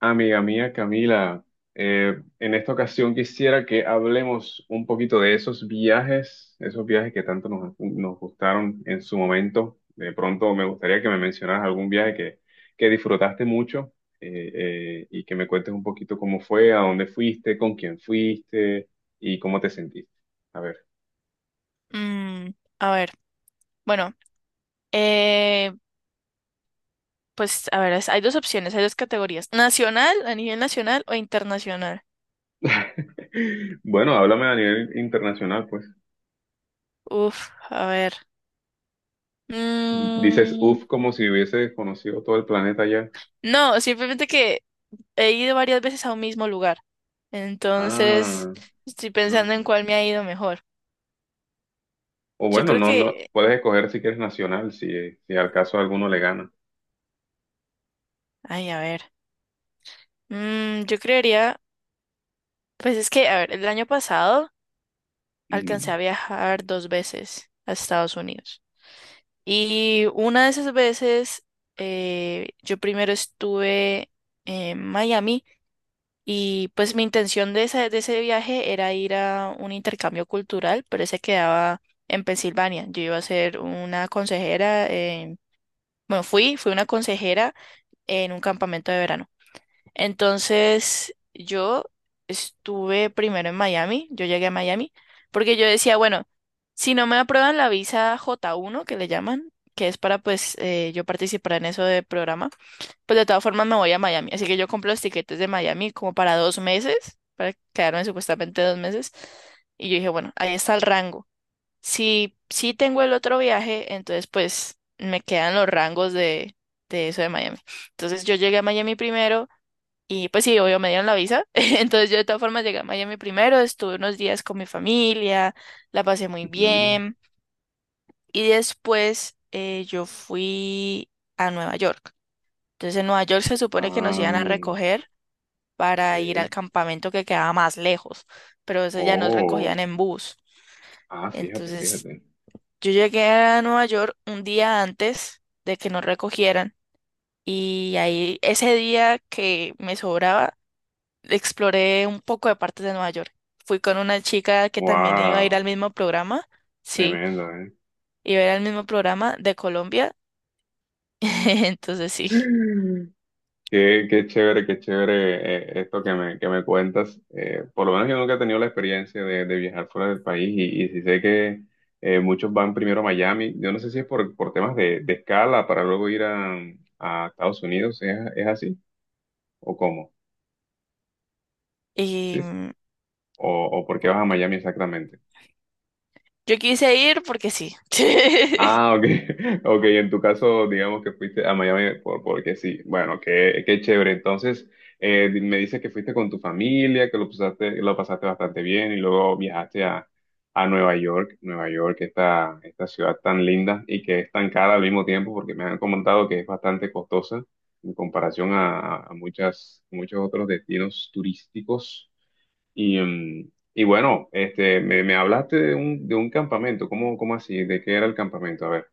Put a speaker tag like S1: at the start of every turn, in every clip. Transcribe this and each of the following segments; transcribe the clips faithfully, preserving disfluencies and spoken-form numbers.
S1: Amiga mía Camila, eh, en esta ocasión quisiera que hablemos un poquito de esos viajes, esos viajes que tanto nos, nos gustaron en su momento. De pronto me gustaría que me mencionaras algún viaje que, que disfrutaste mucho eh, eh, y que me cuentes un poquito cómo fue, a dónde fuiste, con quién fuiste y cómo te sentiste. A ver.
S2: Mm, a ver, bueno, eh, pues a ver, es- hay dos opciones, hay dos categorías. Nacional, a nivel nacional o internacional.
S1: Bueno, háblame a nivel internacional, pues.
S2: Uf, a ver.
S1: Dices,
S2: Mm,
S1: uf, como si hubiese conocido todo el planeta ya.
S2: no, simplemente que he ido varias veces a un mismo lugar. Entonces,
S1: Ah,
S2: estoy pensando en
S1: ah.
S2: cuál me ha ido mejor.
S1: O
S2: Yo
S1: bueno,
S2: creo
S1: no, no,
S2: que,
S1: puedes escoger si quieres nacional, si, si al caso alguno le gana.
S2: ay, a ver. Mm, yo creería, pues es que, a ver, el año pasado alcancé
S1: Ujú,
S2: a viajar dos veces a Estados Unidos. Y una de esas veces, eh, yo primero estuve en Miami y pues mi intención de esa- de ese viaje era ir a un intercambio cultural, pero ese quedaba en Pensilvania. Yo iba a ser una consejera, en- bueno, fui, fui una consejera en un campamento de verano. Entonces, yo estuve primero en Miami, yo llegué a Miami, porque yo decía, bueno, si no me aprueban la visa J uno, que le llaman, que es para pues eh, yo participar en eso de programa, pues de todas formas me voy a Miami. Así que yo compro los tiquetes de Miami como para dos meses, para quedarme supuestamente dos meses. Y yo dije, bueno, ahí está el rango. Si, si tengo el otro viaje, entonces pues me quedan los rangos de, de eso de Miami. Entonces yo llegué a Miami primero. Y pues sí, obvio, me dieron la visa. Entonces yo de todas formas llegué a Miami primero, estuve unos días con mi familia, la pasé muy
S1: ujú.
S2: bien. Y después eh, yo fui a Nueva York. Entonces en Nueva York se supone que nos
S1: Ah,
S2: iban a recoger para ir al
S1: ok.
S2: campamento que quedaba más lejos, pero eso ya nos
S1: Oh,
S2: recogían en bus.
S1: ah, fíjate,
S2: Entonces
S1: fíjate.
S2: yo llegué a Nueva York un día antes de que nos recogieran. Y ahí ese día que me sobraba exploré un poco de partes de Nueva York. Fui con una chica que también iba a ir al
S1: Wow,
S2: mismo programa. Sí,
S1: tremendo, ¿eh?
S2: iba a ir al mismo programa de Colombia. Entonces sí.
S1: Mm. Qué, qué chévere, qué chévere, eh, esto que me, que me cuentas. Eh, por lo menos yo nunca he tenido la experiencia de, de viajar fuera del país y, y sí sé que eh, muchos van primero a Miami. Yo no sé si es por, por temas de, de escala para luego ir a, a Estados Unidos. ¿Es, es así o cómo?
S2: Y
S1: Sí, sí.
S2: mm,
S1: ¿O, o por qué vas a Miami exactamente?
S2: yo quise ir porque sí.
S1: Ah, ok. Ok, en tu caso, digamos que fuiste a Miami por, porque sí. Bueno, qué, qué chévere. Entonces, eh, me dices que fuiste con tu familia, que lo pasaste, lo pasaste bastante bien y luego viajaste a, a Nueva York. Nueva York, esta, esta ciudad tan linda y que es tan cara al mismo tiempo porque me han comentado que es bastante costosa en comparación a, a muchas, muchos otros destinos turísticos. Y, mm, y bueno, este, me, me hablaste de un, de un campamento. ¿Cómo, cómo así? ¿De qué era el campamento? A ver.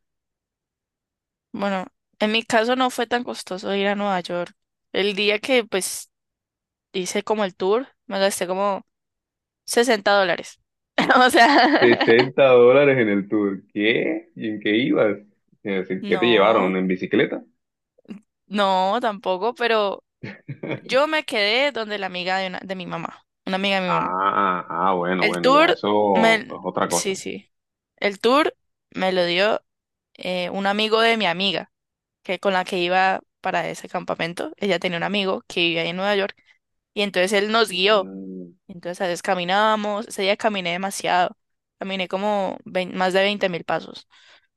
S2: Bueno, en mi caso no fue tan costoso ir a Nueva York. El día que pues hice como el tour, me gasté como sesenta dólares. O sea,
S1: Sesenta dólares en el tour. ¿Qué? ¿Y en qué ibas? Es decir, ¿qué te llevaron?
S2: no,
S1: ¿En bicicleta?
S2: no, tampoco, pero yo me quedé donde la amiga de, una- de mi mamá, una amiga de mi mamá.
S1: Ah, ah, bueno,
S2: El
S1: bueno, ya,
S2: tour
S1: eso es
S2: me...
S1: otra cosa.
S2: Sí, sí. El tour me lo dio eh, un amigo de mi amiga, que con la que iba para ese campamento. Ella tenía un amigo que vivía ahí en Nueva York y entonces él nos guió.
S1: Mm.
S2: Entonces a veces caminábamos. Ese día caminé demasiado. Caminé como vein- más de veinte mil pasos.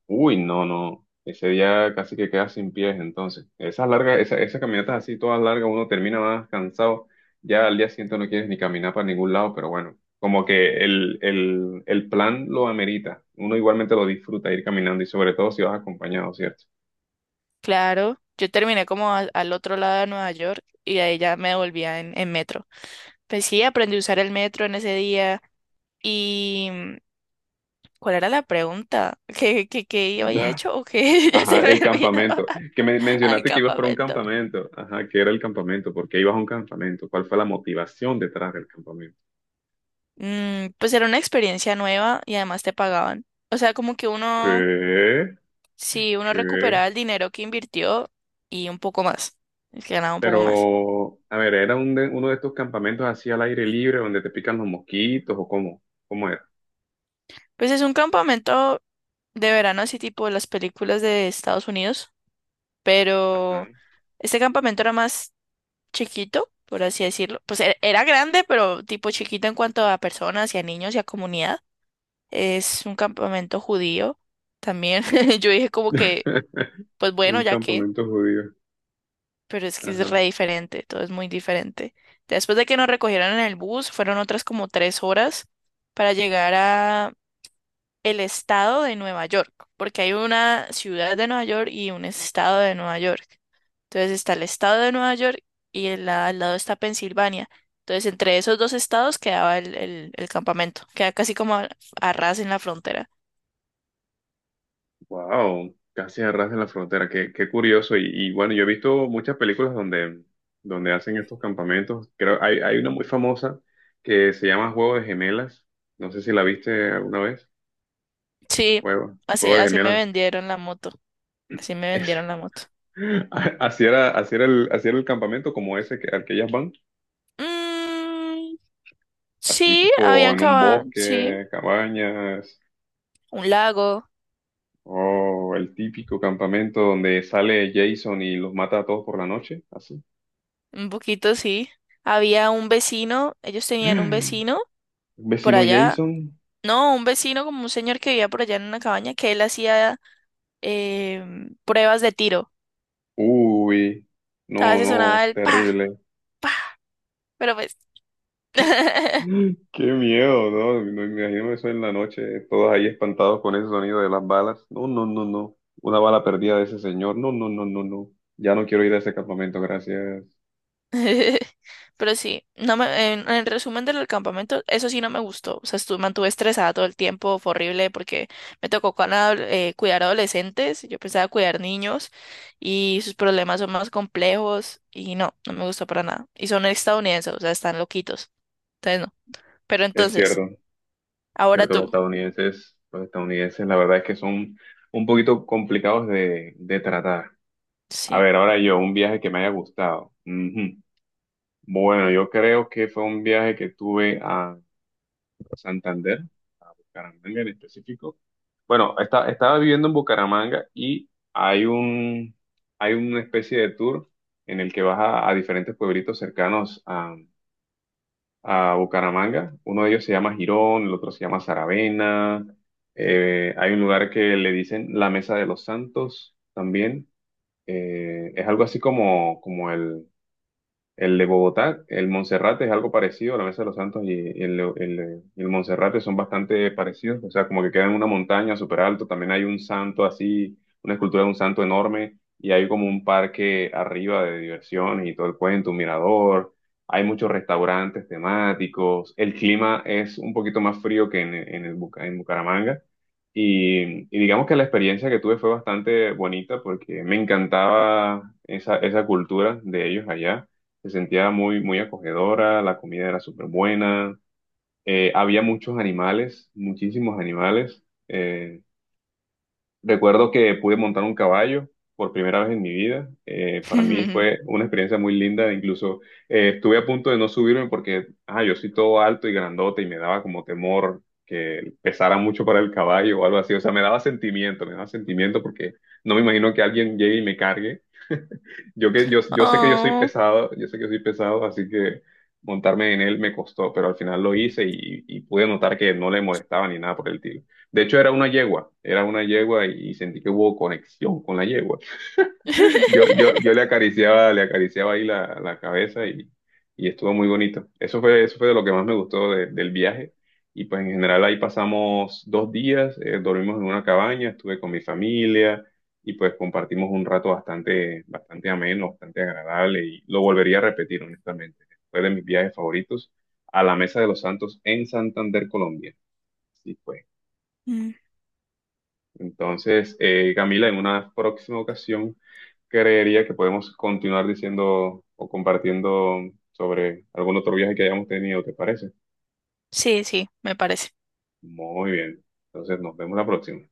S1: Uy, no, no. Ese día casi que quedas sin pies, entonces. Esas largas, esa- esas caminatas así, todas largas, uno termina más cansado. Ya al día siguiente no quieres ni caminar para ningún lado, pero bueno, como que el, el, el plan lo amerita. Uno igualmente lo disfruta ir caminando y sobre todo si vas acompañado, ¿cierto?
S2: Claro, yo terminé como a- al otro lado de Nueva York y de ahí ya me volvía en, en metro. Pues sí, aprendí a usar el metro en ese día. Y ¿cuál era la pregunta? ¿Qué, qué, qué yo había hecho o qué? Ya se
S1: Ajá,
S2: me
S1: el
S2: olvidó
S1: campamento. Que me
S2: al
S1: mencionaste que ibas para un
S2: campamento.
S1: campamento. Ajá, ¿qué era el campamento? ¿Por qué ibas a un campamento? ¿Cuál fue la motivación detrás del campamento?
S2: Mm, pues era una experiencia nueva y además te pagaban. O sea, como que uno,
S1: ¿Qué?
S2: si uno
S1: ¿Qué?
S2: recuperaba el dinero que invirtió y un poco más, es que ganaba un poco más.
S1: Pero, a ver, ¿era un de- uno de estos campamentos así al aire libre donde te pican los mosquitos o cómo? ¿Cómo era?
S2: Pues es un campamento de verano, así tipo las películas de Estados Unidos,
S1: Ajá.
S2: pero este campamento era más chiquito, por así decirlo. Pues era era grande, pero tipo chiquito en cuanto a personas y a niños y a comunidad. Es un campamento judío también. Yo dije como que, pues bueno,
S1: Un
S2: ya que,
S1: campamento judío.
S2: pero es que es
S1: Ajá.
S2: re diferente, todo es muy diferente. Después de que nos recogieron en el bus, fueron otras como tres horas para llegar a el estado de Nueva York, porque hay una ciudad de Nueva York y un estado de Nueva York. Entonces está el estado de Nueva York y el la- al lado está Pensilvania. Entonces entre esos dos estados quedaba el, el- el campamento, queda casi como a a ras en la frontera.
S1: Wow, casi a ras de la frontera. Qué, qué curioso. Y, y bueno, yo he visto muchas películas donde, donde hacen estos campamentos. Creo, hay, hay una muy famosa que se llama Juego de Gemelas. No sé si la viste alguna vez.
S2: Sí,
S1: Juego,
S2: así,
S1: Juego de
S2: así me
S1: Gemelas.
S2: vendieron la moto. Así me
S1: Ese.
S2: vendieron la moto.
S1: Así era, así era el, así era el campamento como ese que, al que ellas van.
S2: Mm,
S1: Así
S2: sí,
S1: tipo
S2: habían
S1: en un
S2: cava, sí,
S1: bosque, cabañas,
S2: un lago,
S1: o el típico campamento donde sale Jason y los mata a todos por la noche, así.
S2: un poquito sí. Había un vecino, ellos tenían un vecino por
S1: Vecino
S2: allá.
S1: Jason,
S2: No, un vecino como un señor que vivía por allá en una cabaña que él hacía em, pruebas de tiro.
S1: uy,
S2: A
S1: no,
S2: veces sonaba
S1: no,
S2: el pa,
S1: terrible.
S2: pa, pero pues
S1: Qué, qué miedo, ¿no? No me imagino eso en la noche, todos ahí espantados con ese sonido de las balas. No, no, no, no. Una bala perdida de ese señor. No, no, no, no, no. Ya no quiero ir a ese campamento, gracias.
S2: Pero sí, no me, en, en resumen del campamento, eso sí no me gustó. O sea, estuve, mantuve estresada todo el tiempo, fue horrible porque me tocó con adol- eh, cuidar adolescentes, yo pensaba cuidar niños y sus problemas son más complejos y no, no me gustó para nada. Y son estadounidenses, o sea, están loquitos. Entonces no. Pero
S1: Es
S2: entonces,
S1: cierto. Es
S2: ahora
S1: cierto, los
S2: tú.
S1: estadounidenses, los estadounidenses, la verdad es que son un poquito complicados de, de tratar. A
S2: Sí.
S1: ver, ahora yo, un viaje que me haya gustado. Ujú. Bueno, yo creo que fue un viaje que tuve a Santander, Bucaramanga en específico. Bueno, esta- estaba viviendo en Bucaramanga y hay un, hay una especie de tour en el que vas a, a diferentes pueblitos cercanos a Bucaramanga. Uno de ellos se llama Girón, el otro se llama Saravena. Eh, hay un lugar que le dicen la Mesa de los Santos también. Eh, es algo así como, como el el de Bogotá, el Monserrate es algo parecido, la Mesa de los Santos y, y el, el, el Monserrate son bastante parecidos, o sea, como que queda en una montaña súper alto, también hay un santo así, una escultura de un santo enorme, y hay como un parque arriba de diversiones y todo el cuento, un mirador, hay muchos restaurantes temáticos, el clima es un poquito más frío que en, en, el Buca- en Bucaramanga, y, y digamos que la experiencia que tuve fue bastante bonita porque me encantaba esa, esa cultura de ellos allá. Se sentía muy, muy acogedora, la comida era súper buena, eh, había muchos animales, muchísimos animales. eh, Recuerdo que pude montar un caballo por primera vez en mi vida. Eh, para mí fue una experiencia muy linda, incluso eh, estuve a punto de no subirme porque ah, yo soy todo alto y grandote y me daba como temor que pesara mucho para el caballo o algo así. O sea, me daba sentimiento, me daba sentimiento porque no me imagino que alguien llegue y me cargue. Yo, que, yo, yo sé que yo soy
S2: Oh.
S1: pesado, yo sé que soy pesado, así que montarme en él me costó, pero al final lo hice y, y pude notar que no le molestaba ni nada por el tiro. De hecho, era una yegua, era una yegua y sentí que hubo conexión con la yegua. Yo, yo, yo le acariciaba, le acariciaba ahí la, la cabeza y, y estuvo muy bonito. Eso fue, eso fue de lo que más me gustó de- del viaje. Y pues en general ahí pasamos dos días, eh, dormimos en una cabaña, estuve con mi familia y pues compartimos un rato bastante, bastante ameno, bastante agradable y lo volvería a repetir honestamente. Fue de mis viajes favoritos a la Mesa de los Santos en Santander, Colombia. Sí, pues.
S2: Mm,
S1: Entonces, eh, Camila, en una próxima ocasión creería que podemos continuar diciendo o compartiendo sobre algún otro viaje que hayamos tenido, ¿te parece?
S2: sí, sí, me parece.
S1: Muy bien. Entonces, nos vemos la próxima.